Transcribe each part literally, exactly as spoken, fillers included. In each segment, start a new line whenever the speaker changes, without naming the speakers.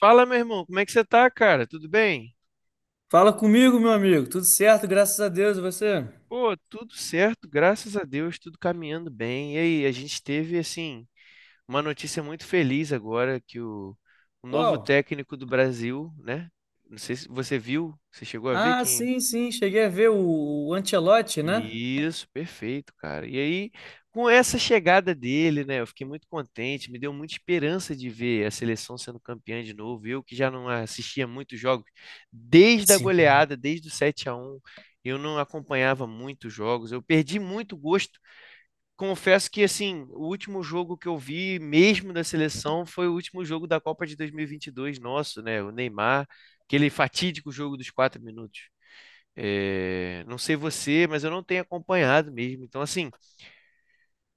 Fala, meu irmão, como é que você tá, cara? Tudo bem?
Fala comigo, meu amigo. Tudo certo, graças a Deus. E você?
Pô, tudo certo, graças a Deus, tudo caminhando bem. E aí, a gente teve, assim, uma notícia muito feliz agora que o, o novo
Qual?
técnico do Brasil, né? Não sei se você viu, você chegou a ver
Ah,
quem?
sim, sim. Cheguei a ver o, o Ancelotti, né?
Isso, perfeito, cara. E aí, com essa chegada dele, né, eu fiquei muito contente, me deu muita esperança de ver a seleção sendo campeã de novo. Eu que já não assistia muitos jogos desde a
Sim.
goleada, desde o sete a um. Eu não acompanhava muitos jogos. Eu perdi muito gosto. Confesso que, assim, o último jogo que eu vi mesmo da seleção foi o último jogo da Copa de dois mil e e vinte e dois. Nosso, né, o Neymar, aquele fatídico jogo dos quatro minutos. É, não sei você, mas eu não tenho acompanhado mesmo. Então, assim,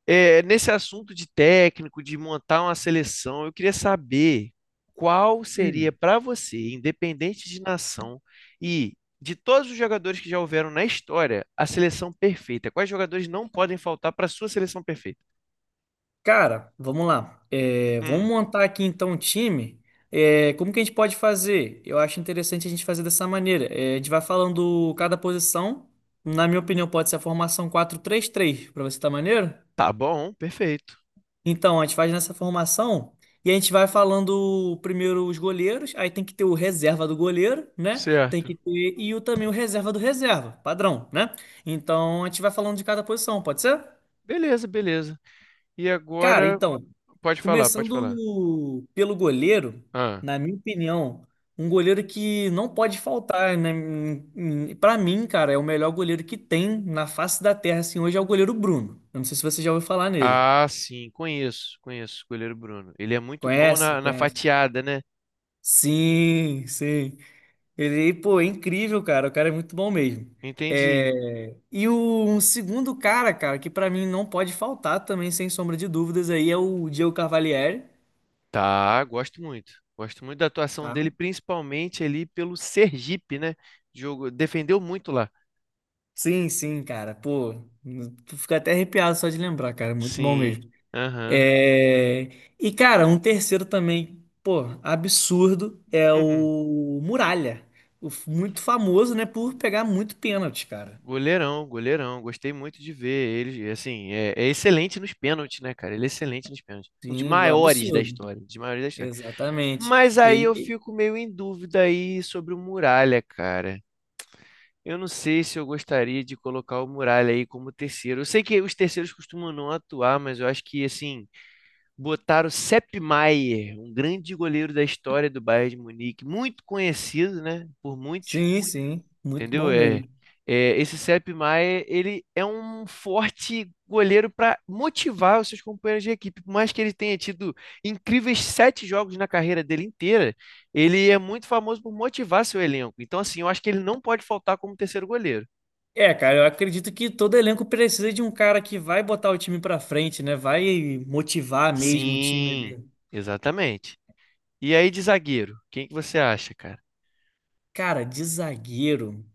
é, nesse assunto de técnico, de montar uma seleção, eu queria saber qual seria
Hum.
para você, independente de nação e de todos os jogadores que já houveram na história, a seleção perfeita. Quais jogadores não podem faltar para sua seleção perfeita?
Cara, vamos lá. É, vamos
Hum,
montar aqui então um time. É, como que a gente pode fazer? Eu acho interessante a gente fazer dessa maneira. É, a gente vai falando cada posição. Na minha opinião, pode ser a formação quatro três três. Para você tá maneiro?
tá bom, perfeito.
Então, a gente faz nessa formação e a gente vai falando primeiro os goleiros, aí tem que ter o reserva do goleiro, né? Tem
Certo.
que ter e o também o reserva do reserva, padrão, né? Então, a gente vai falando de cada posição, pode ser?
Beleza, beleza. E
Cara,
agora,
então,
pode falar, pode
começando pelo goleiro,
falar.
na minha opinião, um goleiro que não pode faltar, né? Para mim, cara, é o melhor goleiro que tem na face da terra, assim, hoje é o goleiro Bruno. Eu não sei se você já ouviu falar nele.
Ah, sim, conheço, conheço o goleiro Bruno. Ele é muito bom
Conhece?
na, na
Conhece?
fatiada, né?
Sim, sim. Ele, pô, é incrível, cara. O cara é muito bom mesmo.
Entendi.
É... E o um segundo cara, cara, que pra mim não pode faltar também, sem sombra de dúvidas, aí é o Diego Cavalieri,
Tá, gosto muito. Gosto muito da atuação
tá?
dele, principalmente ali pelo Sergipe, né? Jogo, defendeu muito lá.
Sim, sim, cara. Pô, tu fica até arrepiado só de lembrar, cara. Muito bom
Sim.
mesmo.
Aham.
É... E, cara, um terceiro também, pô, absurdo, é
Uhum.
o Muralha. O f- muito famoso, né, por pegar muito pênalti, cara.
Goleirão, goleirão. Gostei muito de ver ele. Assim, é, é excelente nos pênaltis, né, cara? Ele é excelente nos pênaltis. Um dos
Sim,
maiores da
absurdo.
história, um dos maiores da história.
Exatamente.
Mas aí eu
Ele,
fico meio em dúvida aí sobre o Muralha, cara. Eu não sei se eu gostaria de colocar o Muralha aí como terceiro. Eu sei que os terceiros costumam não atuar, mas eu acho que, assim, botar o Sepp Maier, um grande goleiro da história do Bayern de Munique, muito conhecido, né, por muitos,
sim, sim, muito
entendeu?
bom
É,
mesmo.
é, esse Sepp Maier, ele é um forte goleiro para motivar os seus companheiros de equipe. Por mais que ele tenha tido incríveis sete jogos na carreira dele inteira, ele é muito famoso por motivar seu elenco. Então, assim, eu acho que ele não pode faltar como terceiro goleiro.
É, cara, eu acredito que todo elenco precisa de um cara que vai botar o time pra frente, né? Vai motivar mesmo o time
Sim,
dele.
exatamente. E aí de zagueiro, quem que você acha, cara?
Cara, de zagueiro,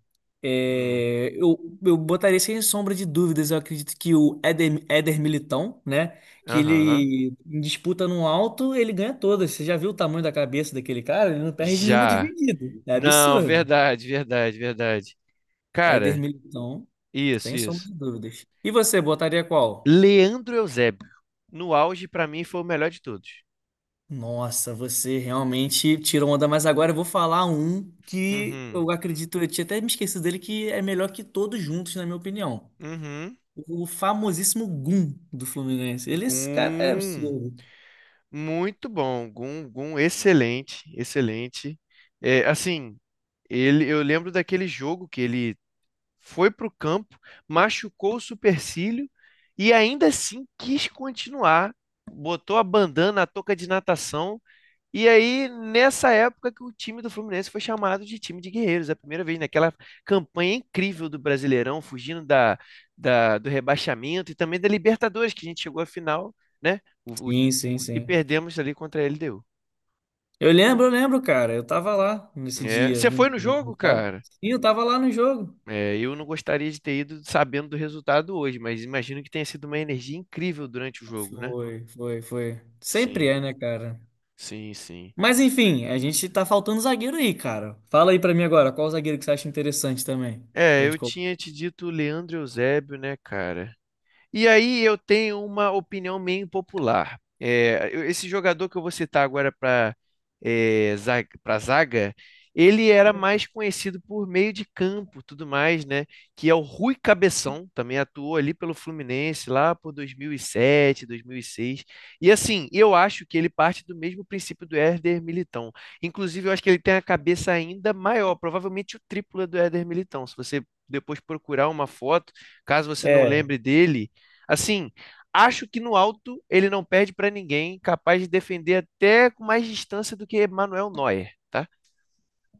Hum,
é, eu, eu botaria sem sombra de dúvidas. Eu acredito que o Éder, Éder Militão, né? Que
aham.
ele em disputa no alto, ele ganha todas. Você já viu o tamanho da cabeça daquele cara? Ele não perde nenhuma
Já.
dividida. É
Não,
absurdo.
verdade, verdade, verdade.
Éder
Cara,
Militão.
isso,
Sem sombra
isso.
de dúvidas. E você, botaria qual?
Leandro Eusébio, no auge, pra mim, foi o melhor de todos.
Nossa, você realmente tirou onda, mas agora eu vou falar um que
Uhum,
eu acredito, eu tinha até me esquecido dele, que é melhor que todos juntos, na minha opinião.
uhum.
O famosíssimo Gum do Fluminense. Ele, esse cara é
Gum,
absurdo.
muito bom. Gum, Gum, excelente, excelente. É, assim, ele, eu lembro daquele jogo que ele foi para o campo, machucou o supercílio e ainda assim quis continuar. Botou a bandana, a touca de natação. E aí, nessa época que o time do Fluminense foi chamado de time de guerreiros, é a primeira vez naquela campanha incrível do Brasileirão, fugindo da, da- do rebaixamento e também da Libertadores, que a gente chegou à final, né? O- o-
Sim, sim,
e
sim.
perdemos ali contra a L D U.
Eu lembro, eu lembro, cara. Eu tava lá nesse
É,
dia
você
no,
foi no
no
jogo,
estádio.
cara?
Sim, eu tava lá no jogo.
É, eu não gostaria de ter ido sabendo do resultado hoje, mas imagino que tenha sido uma energia incrível durante o jogo, né?
Foi, foi, foi. Sempre
Sim,
é, né, cara?
sim, sim.
Mas enfim, a gente tá faltando zagueiro aí, cara. Fala aí pra mim agora, qual zagueiro que você acha interessante também? Pra
É, eu
gente colocar.
tinha te dito o Leandro Eusébio, né, cara? E aí eu tenho uma opinião meio impopular. É, eu- esse jogador que eu vou citar agora para para zaga, ele era mais conhecido por meio de campo, tudo mais, né? Que é o Rui Cabeção, também atuou ali pelo Fluminense lá por dois mil e sete, dois mil e seis. E sete, dois mil e seis. E, assim, eu acho que ele parte do mesmo princípio do Éder Militão. Inclusive, eu acho que ele tem a cabeça ainda maior, provavelmente o triplo do Éder Militão. Se você depois procurar uma foto, caso você não
É.
lembre dele. Assim, acho que no alto ele não perde para ninguém, capaz de defender até com mais distância do que Manuel Neuer, tá?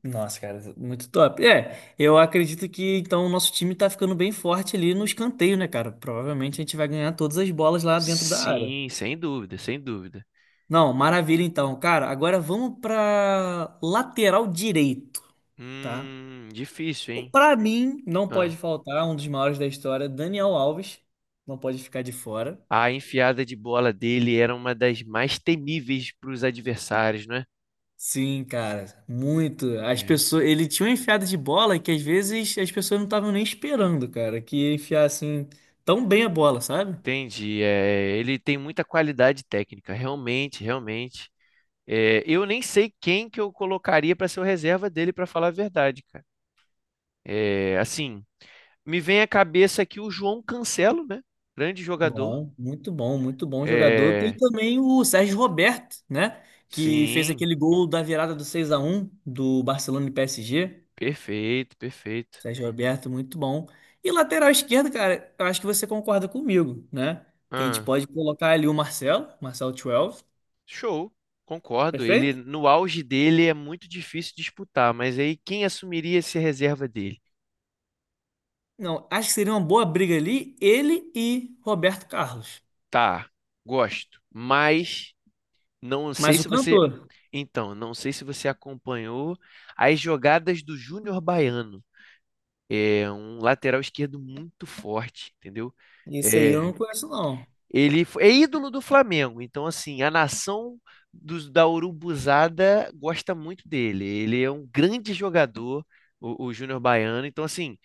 Nossa, cara, muito top. É, eu acredito que então o nosso time tá ficando bem forte ali no escanteio, né, cara? Provavelmente a gente vai ganhar todas as bolas lá dentro da área.
Sim, sem dúvida, sem dúvida.
Não, maravilha então. Cara, agora vamos pra lateral direito, tá?
Hum, difícil, hein?
Pra mim, não
Ah,
pode faltar um dos maiores da história, Daniel Alves. Não pode ficar de fora.
a enfiada de bola dele era uma das mais temíveis para os adversários, não é?
Sim, cara, muito. As
É.
pessoas, ele tinha uma enfiada de bola que às vezes as pessoas não estavam nem esperando, cara, que ia enfiar assim tão bem a bola, sabe?
Entendi. É, ele tem muita qualidade técnica, realmente, realmente. É, eu nem sei quem que eu colocaria para ser o reserva dele, para falar a verdade, cara. É, assim, me vem à cabeça aqui o João Cancelo, né? Grande jogador.
Bom, muito bom, muito bom jogador. Tem
É,
também o Sérgio Roberto, né, que fez
sim,
aquele gol da virada do seis a um do Barcelona e P S G.
perfeito, perfeito.
Sérgio Roberto, muito bom. E lateral esquerdo, cara, eu acho que você concorda comigo, né? Que a gente
Ah,
pode colocar ali o Marcelo, Marcelo doze,
show, concordo. Ele
perfeito?
no auge dele é muito difícil disputar, mas aí quem assumiria essa reserva dele?
Não, acho que seria uma boa briga ali, ele e Roberto Carlos.
Tá, gosto, mas não sei
Mas o
se você,
cantor,
então, não sei se você acompanhou as jogadas do Júnior Baiano. É um lateral esquerdo muito forte, entendeu?
esse aí eu
É,
não conheço, não.
ele é ídolo do Flamengo, então assim, a nação dos, da Urubuzada gosta muito dele. Ele é um grande jogador, o, o Júnior Baiano, então assim,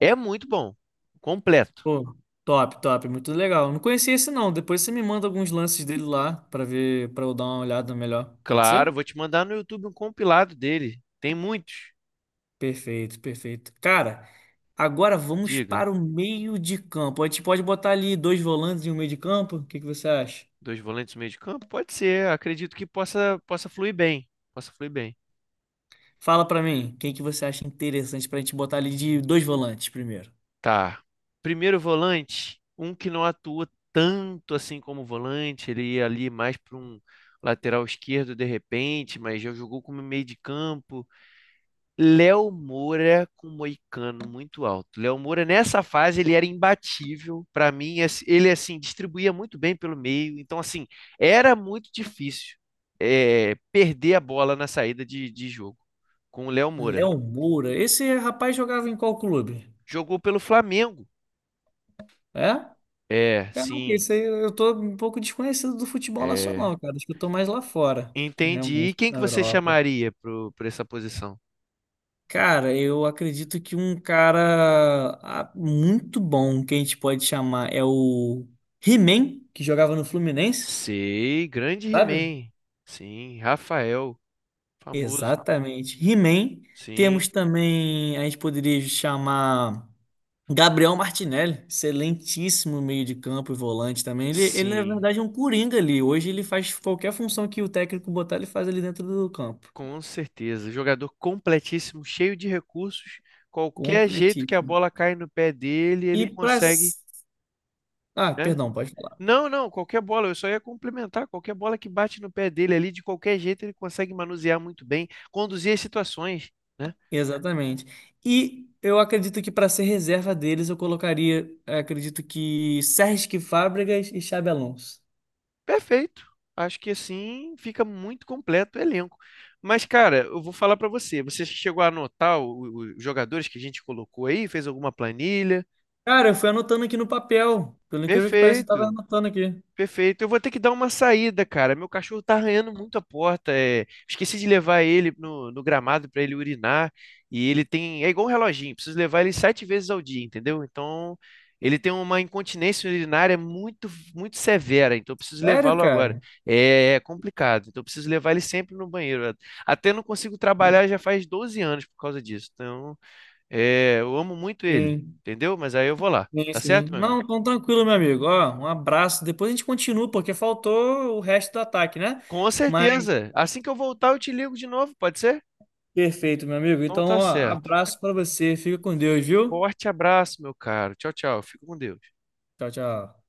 é muito bom, completo.
Pô, top, top, muito legal. Não conhecia esse, não. Depois você me manda alguns lances dele lá pra ver, pra eu dar uma olhada melhor. Pode
Claro,
ser?
vou te mandar no YouTube um compilado dele. Tem muitos.
Perfeito, perfeito. Cara, agora vamos
Diga,
para o meio de campo. A gente pode botar ali dois volantes e um meio de campo? O que que você acha?
dois volantes no meio de campo? Pode ser, acredito que possa possa fluir bem. Possa fluir bem.
Fala pra mim, quem que você acha interessante pra gente botar ali de dois volantes primeiro?
Tá. Primeiro volante, um que não atua tanto assim como volante, ele ia ali mais para um lateral esquerdo de repente, mas já jogou como meio de campo. Léo Moura com Moicano muito alto. Léo Moura nessa fase ele era imbatível para mim, é assim, ele assim distribuía muito bem pelo meio, então assim, era muito difícil eh, perder a bola na saída de, de jogo com o Léo Moura.
Léo Moura, esse rapaz jogava em qual clube?
Jogou pelo Flamengo.
É?
É,
Caraca,
sim.
isso aí eu tô um pouco desconhecido do futebol
É,
nacional, cara. Acho que eu tô mais lá fora,
entendi. E
realmente,
quem
na
que você
Europa.
chamaria pro, por essa posição?
Cara, eu acredito que um cara ah, muito bom que a gente pode chamar é o He-Man, que jogava no Fluminense,
Sei, grande
sabe?
He-Man. Sim, Rafael, famoso.
Exatamente. He-Man.
Sim,
Temos também, a gente poderia chamar. Gabriel Martinelli, excelentíssimo meio de campo e volante também. Ele, ele, na
sim,
verdade, é um coringa ali. Hoje ele faz qualquer função que o técnico botar, ele faz ali dentro do campo.
com certeza. Jogador completíssimo, cheio de recursos. Qualquer jeito que a
Completíssimo.
bola cai no pé dele,
E
ele
para.
consegue,
Ah,
né?
perdão, pode falar.
Não, não, qualquer bola, eu só ia complementar. Qualquer bola que bate no pé dele ali, de qualquer jeito, ele consegue manusear muito bem, conduzir as situações, né?
Exatamente. E eu acredito que para ser reserva deles, eu colocaria, eh, acredito que Sérgio Fábregas e Xabi Alonso.
Perfeito. Acho que assim fica muito completo o elenco. Mas, cara, eu vou falar pra você. Você chegou a anotar o- o- os jogadores que a gente colocou aí? Fez alguma planilha?
Cara, eu fui anotando aqui no papel. Pelo incrível que pareça, eu tava
Perfeito.
anotando aqui.
Perfeito. Eu vou ter que dar uma saída, cara. Meu cachorro tá arranhando muito a porta. É. Esqueci de levar ele no, no gramado pra ele urinar. E ele tem. É igual um reloginho, preciso levar ele sete vezes ao dia, entendeu? Então, ele tem uma incontinência urinária muito, muito severa. Então, eu preciso
Sério,
levá-lo agora.
cara?
É, é complicado. Então, eu preciso levar ele sempre no banheiro. Até não consigo trabalhar já faz doze anos por causa disso. Então, é, eu amo muito ele,
Sim.
entendeu? Mas aí eu vou lá.
Sim,
Tá
sim.
certo, meu amigo?
Não, então tranquilo, meu amigo. Ó, um abraço. Depois a gente continua, porque faltou o resto do ataque, né?
Com
Mas
certeza. Assim que eu voltar, eu te ligo de novo, pode ser?
perfeito, meu amigo.
Então
Então,
tá
ó,
certo.
abraço pra você. Fica com Deus, viu?
Forte abraço, meu caro. Tchau, tchau. Fica com Deus.
Tchau, tchau.